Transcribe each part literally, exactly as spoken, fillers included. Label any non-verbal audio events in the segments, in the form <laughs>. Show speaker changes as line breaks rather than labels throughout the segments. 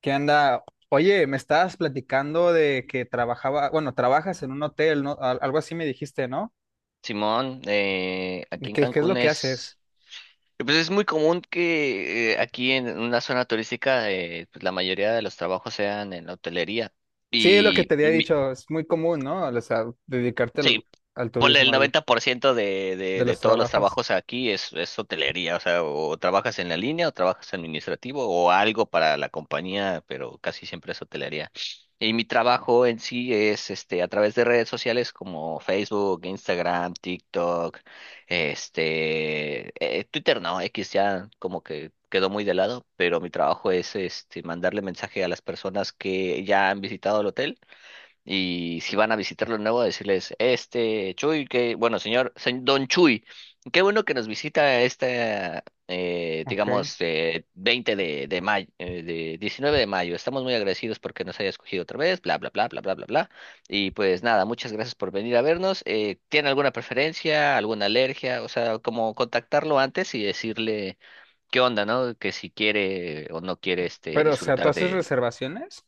¿Qué anda? Oye, me estabas platicando de que trabajaba, bueno, trabajas en un hotel, ¿no? Al- Algo así me dijiste, ¿no?
Simón, eh,
¿De
aquí en
¿Qué, qué es
Cancún
lo que haces?
es, eh, pues es muy común que eh, aquí en una zona turística eh, pues la mayoría de los trabajos sean en la hotelería.
Sí, es lo que
Y
te había
mi,
dicho, es muy común, ¿no? O sea, dedicarte al,
Sí,
al
ponle el
turismo ahí,
noventa por ciento de,
de
de, de
los
todos los
trabajos.
trabajos aquí es, es hotelería, o sea, o trabajas en la línea o trabajas administrativo o algo para la compañía, pero casi siempre es hotelería. Y mi trabajo en sí es este a través de redes sociales como Facebook, Instagram, TikTok, este eh, Twitter no, X ya como que quedó muy de lado, pero mi trabajo es este mandarle mensaje a las personas que ya han visitado el hotel y si van a visitarlo de nuevo, decirles, este Chuy, que, bueno, señor, se- don Chuy, qué bueno que nos visita este, eh,
Ok.
digamos, eh, veinte de, de mayo, de diecinueve de mayo. Estamos muy agradecidos porque nos haya escogido otra vez, bla, bla, bla, bla, bla, bla, bla. Y pues nada, muchas gracias por venir a vernos. Eh, ¿tiene alguna preferencia, alguna alergia? O sea, como contactarlo antes y decirle qué onda, ¿no? Que si quiere o no quiere este,
Pero, o sea, ¿tú
disfrutar.
haces reservaciones?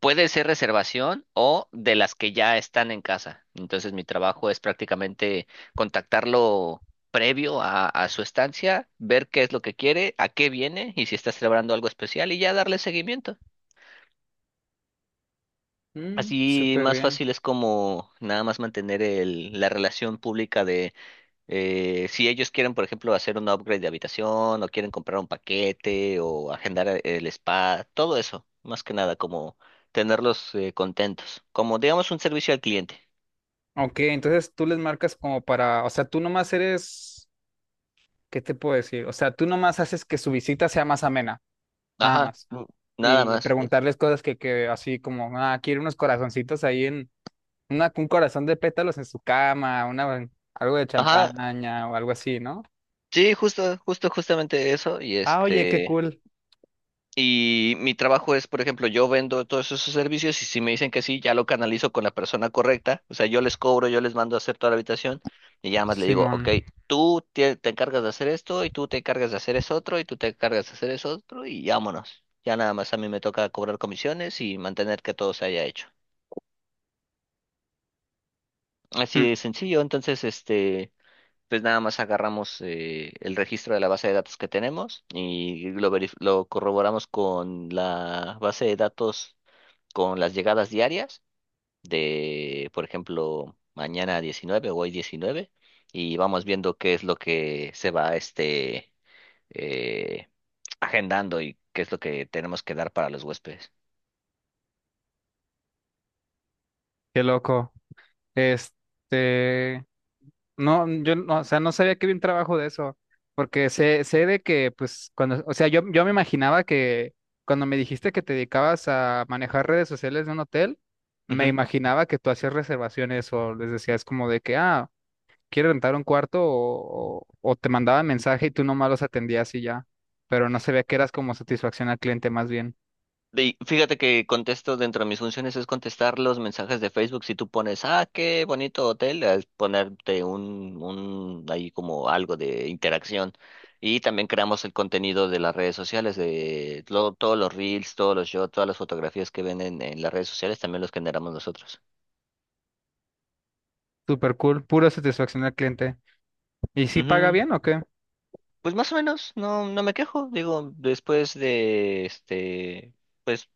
Puede ser reservación o de las que ya están en casa. Entonces mi trabajo es prácticamente contactarlo previo a, a su estancia, ver qué es lo que quiere, a qué viene y si está celebrando algo especial y ya darle seguimiento.
Mm,
Así
súper
más
bien.
fácil es como nada más mantener el- la relación pública de eh, si ellos quieren, por ejemplo, hacer un upgrade de habitación o quieren comprar un paquete o agendar el spa, todo eso, más que nada, como tenerlos eh, contentos, como digamos un servicio al cliente.
Ok, entonces tú les marcas como para, o sea, tú nomás eres, ¿qué te puedo decir? O sea, tú nomás haces que su visita sea más amena. Nada
Ajá,
más.
mm, nada
Y
más.
preguntarles cosas que, que así como, ah, quiero unos corazoncitos ahí en, una, un corazón de pétalos en su cama, una, algo de
Ajá,
champaña o algo así, ¿no?
sí, justo, justo, justamente eso y
Ah, oye, qué
este...
cool,
Y mi trabajo es, por ejemplo, yo vendo todos esos servicios y si me dicen que sí, ya lo canalizo con la persona correcta. O sea, yo les cobro, yo les mando a hacer toda la habitación y ya más le digo,
Simón.
ok, tú te, te encargas de hacer esto y tú te encargas de hacer eso otro y tú te encargas de hacer eso otro y vámonos. Ya nada más a mí me toca cobrar comisiones y mantener que todo se haya hecho. Así
Mm,
de sencillo. Entonces, este, pues nada más agarramos eh, el registro de la base de datos que tenemos y lo, verif- lo corroboramos con la base de datos con las llegadas diarias de, por ejemplo, mañana diecinueve o hoy diecinueve y vamos viendo qué es lo que se va este eh, agendando y qué es lo que tenemos que dar para los huéspedes.
Qué loco. Este, No, yo no, o sea, no sabía que había un trabajo de eso, porque sé, sé de que, pues, cuando, o sea, yo, yo me imaginaba que cuando me dijiste que te dedicabas a manejar redes sociales de un hotel, me imaginaba que tú hacías reservaciones o les decías como de que, ah, quiero rentar un cuarto o, o, o te mandaban mensaje y tú nomás los atendías y ya, pero no sabía que eras como satisfacción al cliente más bien.
Y fíjate que contesto dentro de mis funciones es contestar los mensajes de Facebook. Si tú pones, ah, qué bonito hotel, es ponerte un, un, ahí como algo de interacción. Y también creamos el contenido de las redes sociales, de lo- todos los reels, todos los shots, todas las fotografías que ven en, en las redes sociales, también los generamos nosotros.
Super cool, pura satisfacción al cliente. ¿Y si paga
Ujú.
bien o qué?
Pues más o menos, no, no me quejo. Digo, después de este, pues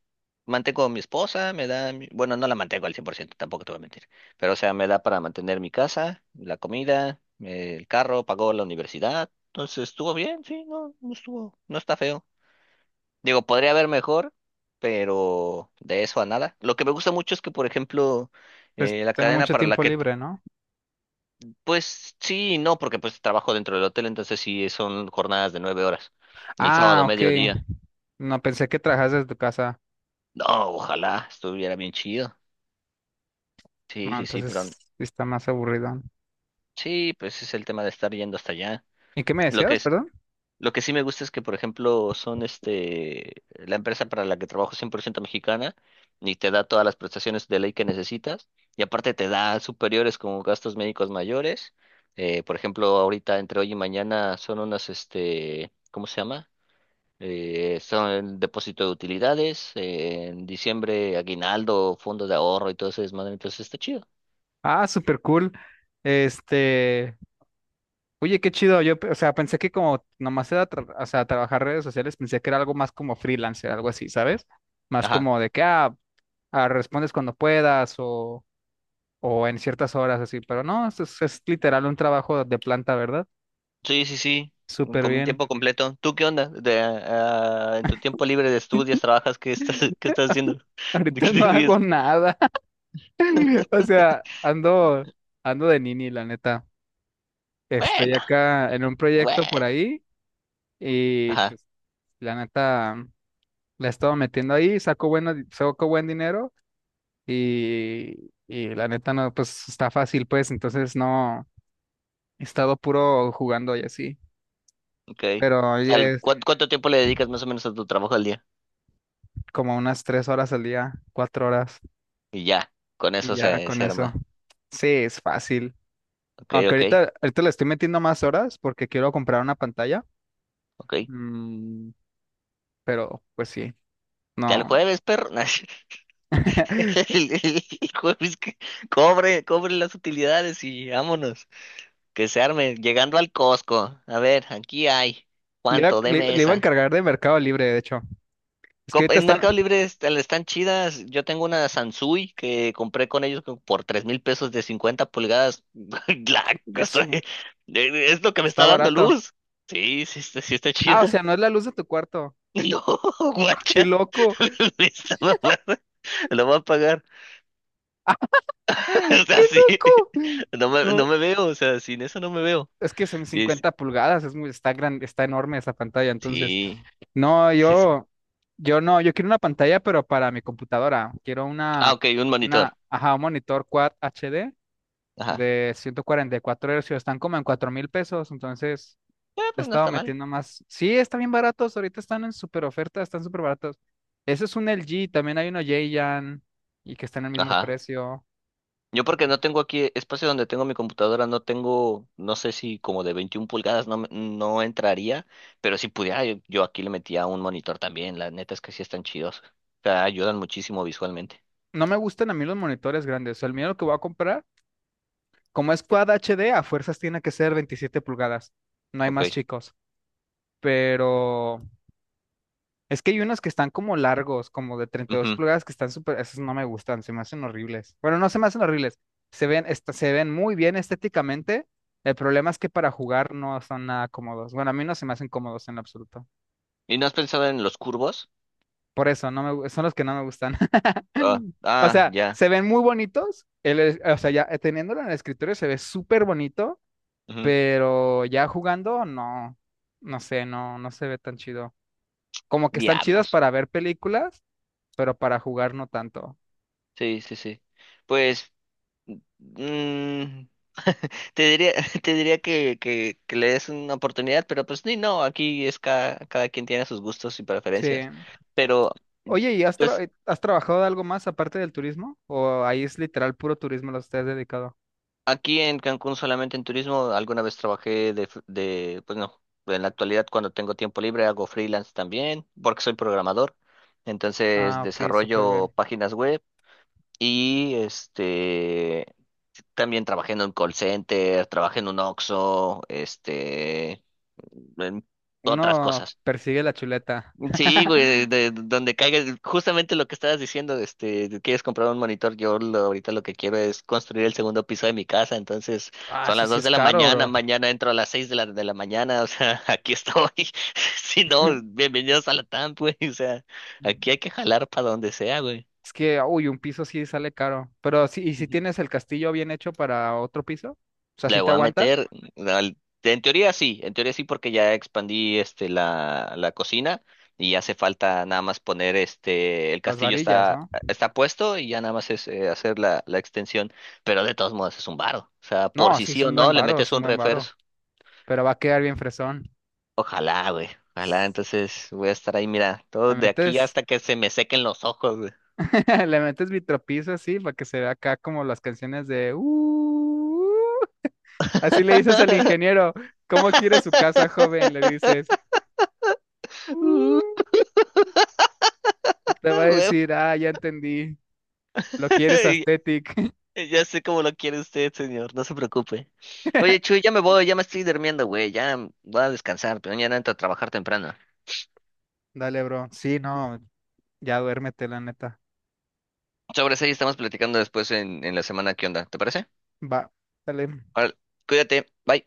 mantengo a mi esposa, me da, mi- bueno, no la mantengo al cien por ciento, tampoco te voy a mentir. Pero o sea, me da para mantener mi casa, la comida, eh, el carro, pagó la universidad. Entonces estuvo bien, sí, no, no estuvo, no está feo. Digo, podría haber mejor, pero de eso a nada. Lo que me gusta mucho es que, por ejemplo,
Pues
eh, la
te da
cadena
mucho
para la
tiempo
que
libre, ¿no?
pues sí, y no, porque pues trabajo dentro del hotel, entonces sí son jornadas de nueve horas. El sábado
Ah, ok.
mediodía.
No pensé que trabajas desde tu casa.
No, ojalá estuviera bien chido. Sí,
No,
sí, sí,
entonces
pero
sí está más aburrido.
sí, pues es el tema de estar yendo hasta allá.
¿Y qué me
Lo que
decías,
es,
perdón?
lo que sí me gusta es que, por ejemplo, son este, la empresa para la que trabajo es cien por ciento mexicana y te da todas las prestaciones de ley que necesitas y aparte te da superiores como gastos médicos mayores. Eh, por ejemplo, ahorita entre hoy y mañana son unas, este, ¿cómo se llama? Eh, son depósito de utilidades, eh, en diciembre aguinaldo, fondos de ahorro y todo ese desmadre, entonces está chido.
Ah, súper cool. Este, Oye, qué chido. Yo, pe- o sea, pensé que como nomás era, tra- o sea, trabajar redes sociales, pensé que era algo más como freelancer, algo así, ¿sabes? Más
Ajá.
como de que, ah, ah, respondes cuando puedas o, o en ciertas horas, así. Pero no, es, es es literal un trabajo de planta, ¿verdad?
Sí, sí, sí,
Súper
con
bien.
tiempo completo. ¿Tú qué onda? De, ah, en tu tiempo libre de estudios, trabajas, ¿qué estás, <laughs> qué estás haciendo?
<laughs>
<laughs> ¿De
Ahorita
qué te
no hago
ríes?
nada. <laughs> O sea,
<laughs>
ando, ando, de nini, la neta. Estoy
Bueno,
acá en un proyecto por
bueno.
ahí y
Ajá,
pues la neta la he estado metiendo ahí, saco bueno di- saco buen dinero y, y la neta no, pues está fácil pues, entonces no he estado puro jugando y así,
ok.
pero ya
Tal-
es
¿cuán- ¿Cuánto tiempo le dedicas más o menos a tu trabajo al día?
como unas tres horas al día, cuatro horas
Y ya, con
y
eso
ya
se,
con
se
eso.
arma.
Sí, es fácil.
Ok,
Aunque
ok,
ahorita, ahorita le estoy metiendo más horas porque quiero comprar una pantalla,
ok.
mm, pero pues sí,
Ya el
no.
jueves, perro. <laughs>
<laughs>
<laughs> El, el- el jueves que cobre, cobre las utilidades y vámonos. Que se arme. Llegando al Costco. A ver, aquí hay.
Le iba,
¿Cuánto?
le-
Deme
le iba a
esa.
encargar de Mercado Libre, de hecho. Es que
Co-
ahorita
En Mercado
están.
Libre est- están chidas. Yo tengo una Sansui que compré con ellos co- por tres mil pesos de cincuenta pulgadas. <laughs> La- estoy-
Gasu,
eh, es lo que me
está
está dando
barato.
luz. Sí, sí, está, sí está
Ah, o
chida.
sea, no es la luz de tu cuarto.
<laughs> No,
¡Ah, qué
guacha.
loco!
<laughs> Me está mamando. Lo <laughs> voy a pagar.
¡Ah,
<laughs> O
qué
sea, sí.
loco!
No me, no
No,
me veo, o sea, sin eso no me veo.
es que son
Sí, sí,
cincuenta pulgadas, es muy, está grande, está enorme esa pantalla, entonces.
sí,
No,
sí. Sí.
yo, yo no, yo quiero una pantalla, pero para mi computadora. Quiero
Ah,
una,
ok, un
una,
monitor.
ajá, un monitor Quad H D
Ajá.
de ciento cuarenta y cuatro Hz. Están como en cuatro mil pesos, entonces
Eh,
le
pues no
estaba
está mal.
metiendo más. Sí, están bien baratos, ahorita están en super oferta, están súper baratos. Ese es un L G, también hay uno Jayan y que está en el mismo
Ajá.
precio.
Yo porque no tengo aquí espacio donde tengo mi computadora, no tengo, no sé si como de veintiún pulgadas no, me- no entraría, pero si pudiera, yo, yo aquí le metía un monitor también. La neta es que sí están chidos. O sea, ayudan muchísimo visualmente.
No me gustan a mí los monitores grandes, o sea, el mío que voy a comprar, como es Quad H D, a fuerzas tiene que ser veintisiete pulgadas, no hay
Ok.
más chicos, pero es que hay unos que están como largos, como de treinta y dos
Ujú.
pulgadas, que están súper, esos no me gustan, se me hacen horribles. Bueno, no se me hacen horribles, se ven, est- se ven muy bien estéticamente. El problema es que para jugar no son nada cómodos. Bueno, a mí no se me hacen cómodos en lo absoluto.
¿Y no has pensado en los curvos?
Por eso, no me, gu- son los que no me gustan.
Ah,
<laughs> O
ah,
sea,
ya.
se ven muy bonitos, el es- o sea, ya eh, teniéndolo en el escritorio se ve súper bonito,
Ujú.
pero ya jugando, no, no sé, no, no se ve tan chido. Como que están chidos
Diablos.
para ver películas, pero para jugar no tanto.
Sí, sí, sí. Pues mm, <laughs> te diría, <laughs> te diría que, que, que le des una oportunidad, pero pues ni no, aquí es cada, cada quien tiene sus gustos y
Sí.
preferencias. Pero
Oye, ¿y has, tra-
pues
eh, has trabajado de algo más aparte del turismo? ¿O ahí es literal puro turismo lo que te has dedicado?
aquí en Cancún solamente en turismo, alguna vez trabajé de, fr- de, pues no, en la actualidad cuando tengo tiempo libre hago freelance también, porque soy programador. Entonces
Ah, ok, súper bien.
desarrollo páginas web y este. También trabajé en un call center, trabajé en un Oxxo, este, en otras
Uno
cosas.
persigue la chuleta.
Sí,
<laughs>
güey, de, de donde caiga, justamente lo que estabas diciendo, este, de quieres comprar un monitor, yo lo- ahorita lo que quiero es construir el segundo piso de mi casa, entonces
Ah,
son
eso
las
sí
dos
es
de la
caro,
mañana,
bro.
mañana entro a las seis de la, de la mañana, o sea, <laughs> aquí estoy, <laughs> si no,
<laughs>
bienvenidos a la T A M, güey, o sea, aquí hay que jalar para donde sea, güey.
Es que, uy, un piso sí sale caro. Pero sí, ¿y si tienes el castillo bien hecho para otro piso? O sea,
Le
¿sí te
voy a
aguanta?
meter, al- En teoría sí, en teoría sí porque ya expandí este la, la cocina y hace falta nada más poner este, el
Las
castillo
varillas,
está,
¿no?
está puesto y ya nada más es eh, hacer la, la extensión, pero de todos modos es un varo, o sea, por
No,
si
sí es
sí o
un buen
no le
varo, es
metes
un
un
buen varo.
refuerzo,
Pero va a quedar bien fresón.
ojalá, güey, ojalá, entonces voy a estar ahí, mira,
¿Te
todo de aquí
metes?
hasta que se me sequen los ojos, güey.
<laughs> Le metes vitropiso así para que se vea acá como las canciones de "Uh". Así le dices al
<laughs>
ingeniero, ¿cómo quiere su casa, joven? Le
<laughs>
dices,
Uh,
"Uh", y te va a
a huevo.
decir, ah, ya entendí,
<laughs>
lo quieres
<laughs>
aesthetic. <laughs>
Ya sé cómo lo quiere usted, señor, no se preocupe. Oye, Chuy, ya me voy, ya me estoy durmiendo, güey, ya voy a descansar, pero mañana entro a trabajar temprano.
Dale, bro. Sí, no, ya duérmete, la neta.
Sobre eso ahí estamos platicando después en, en la semana, ¿qué onda? ¿Te parece?
Va, dale.
Órale, cuídate, bye.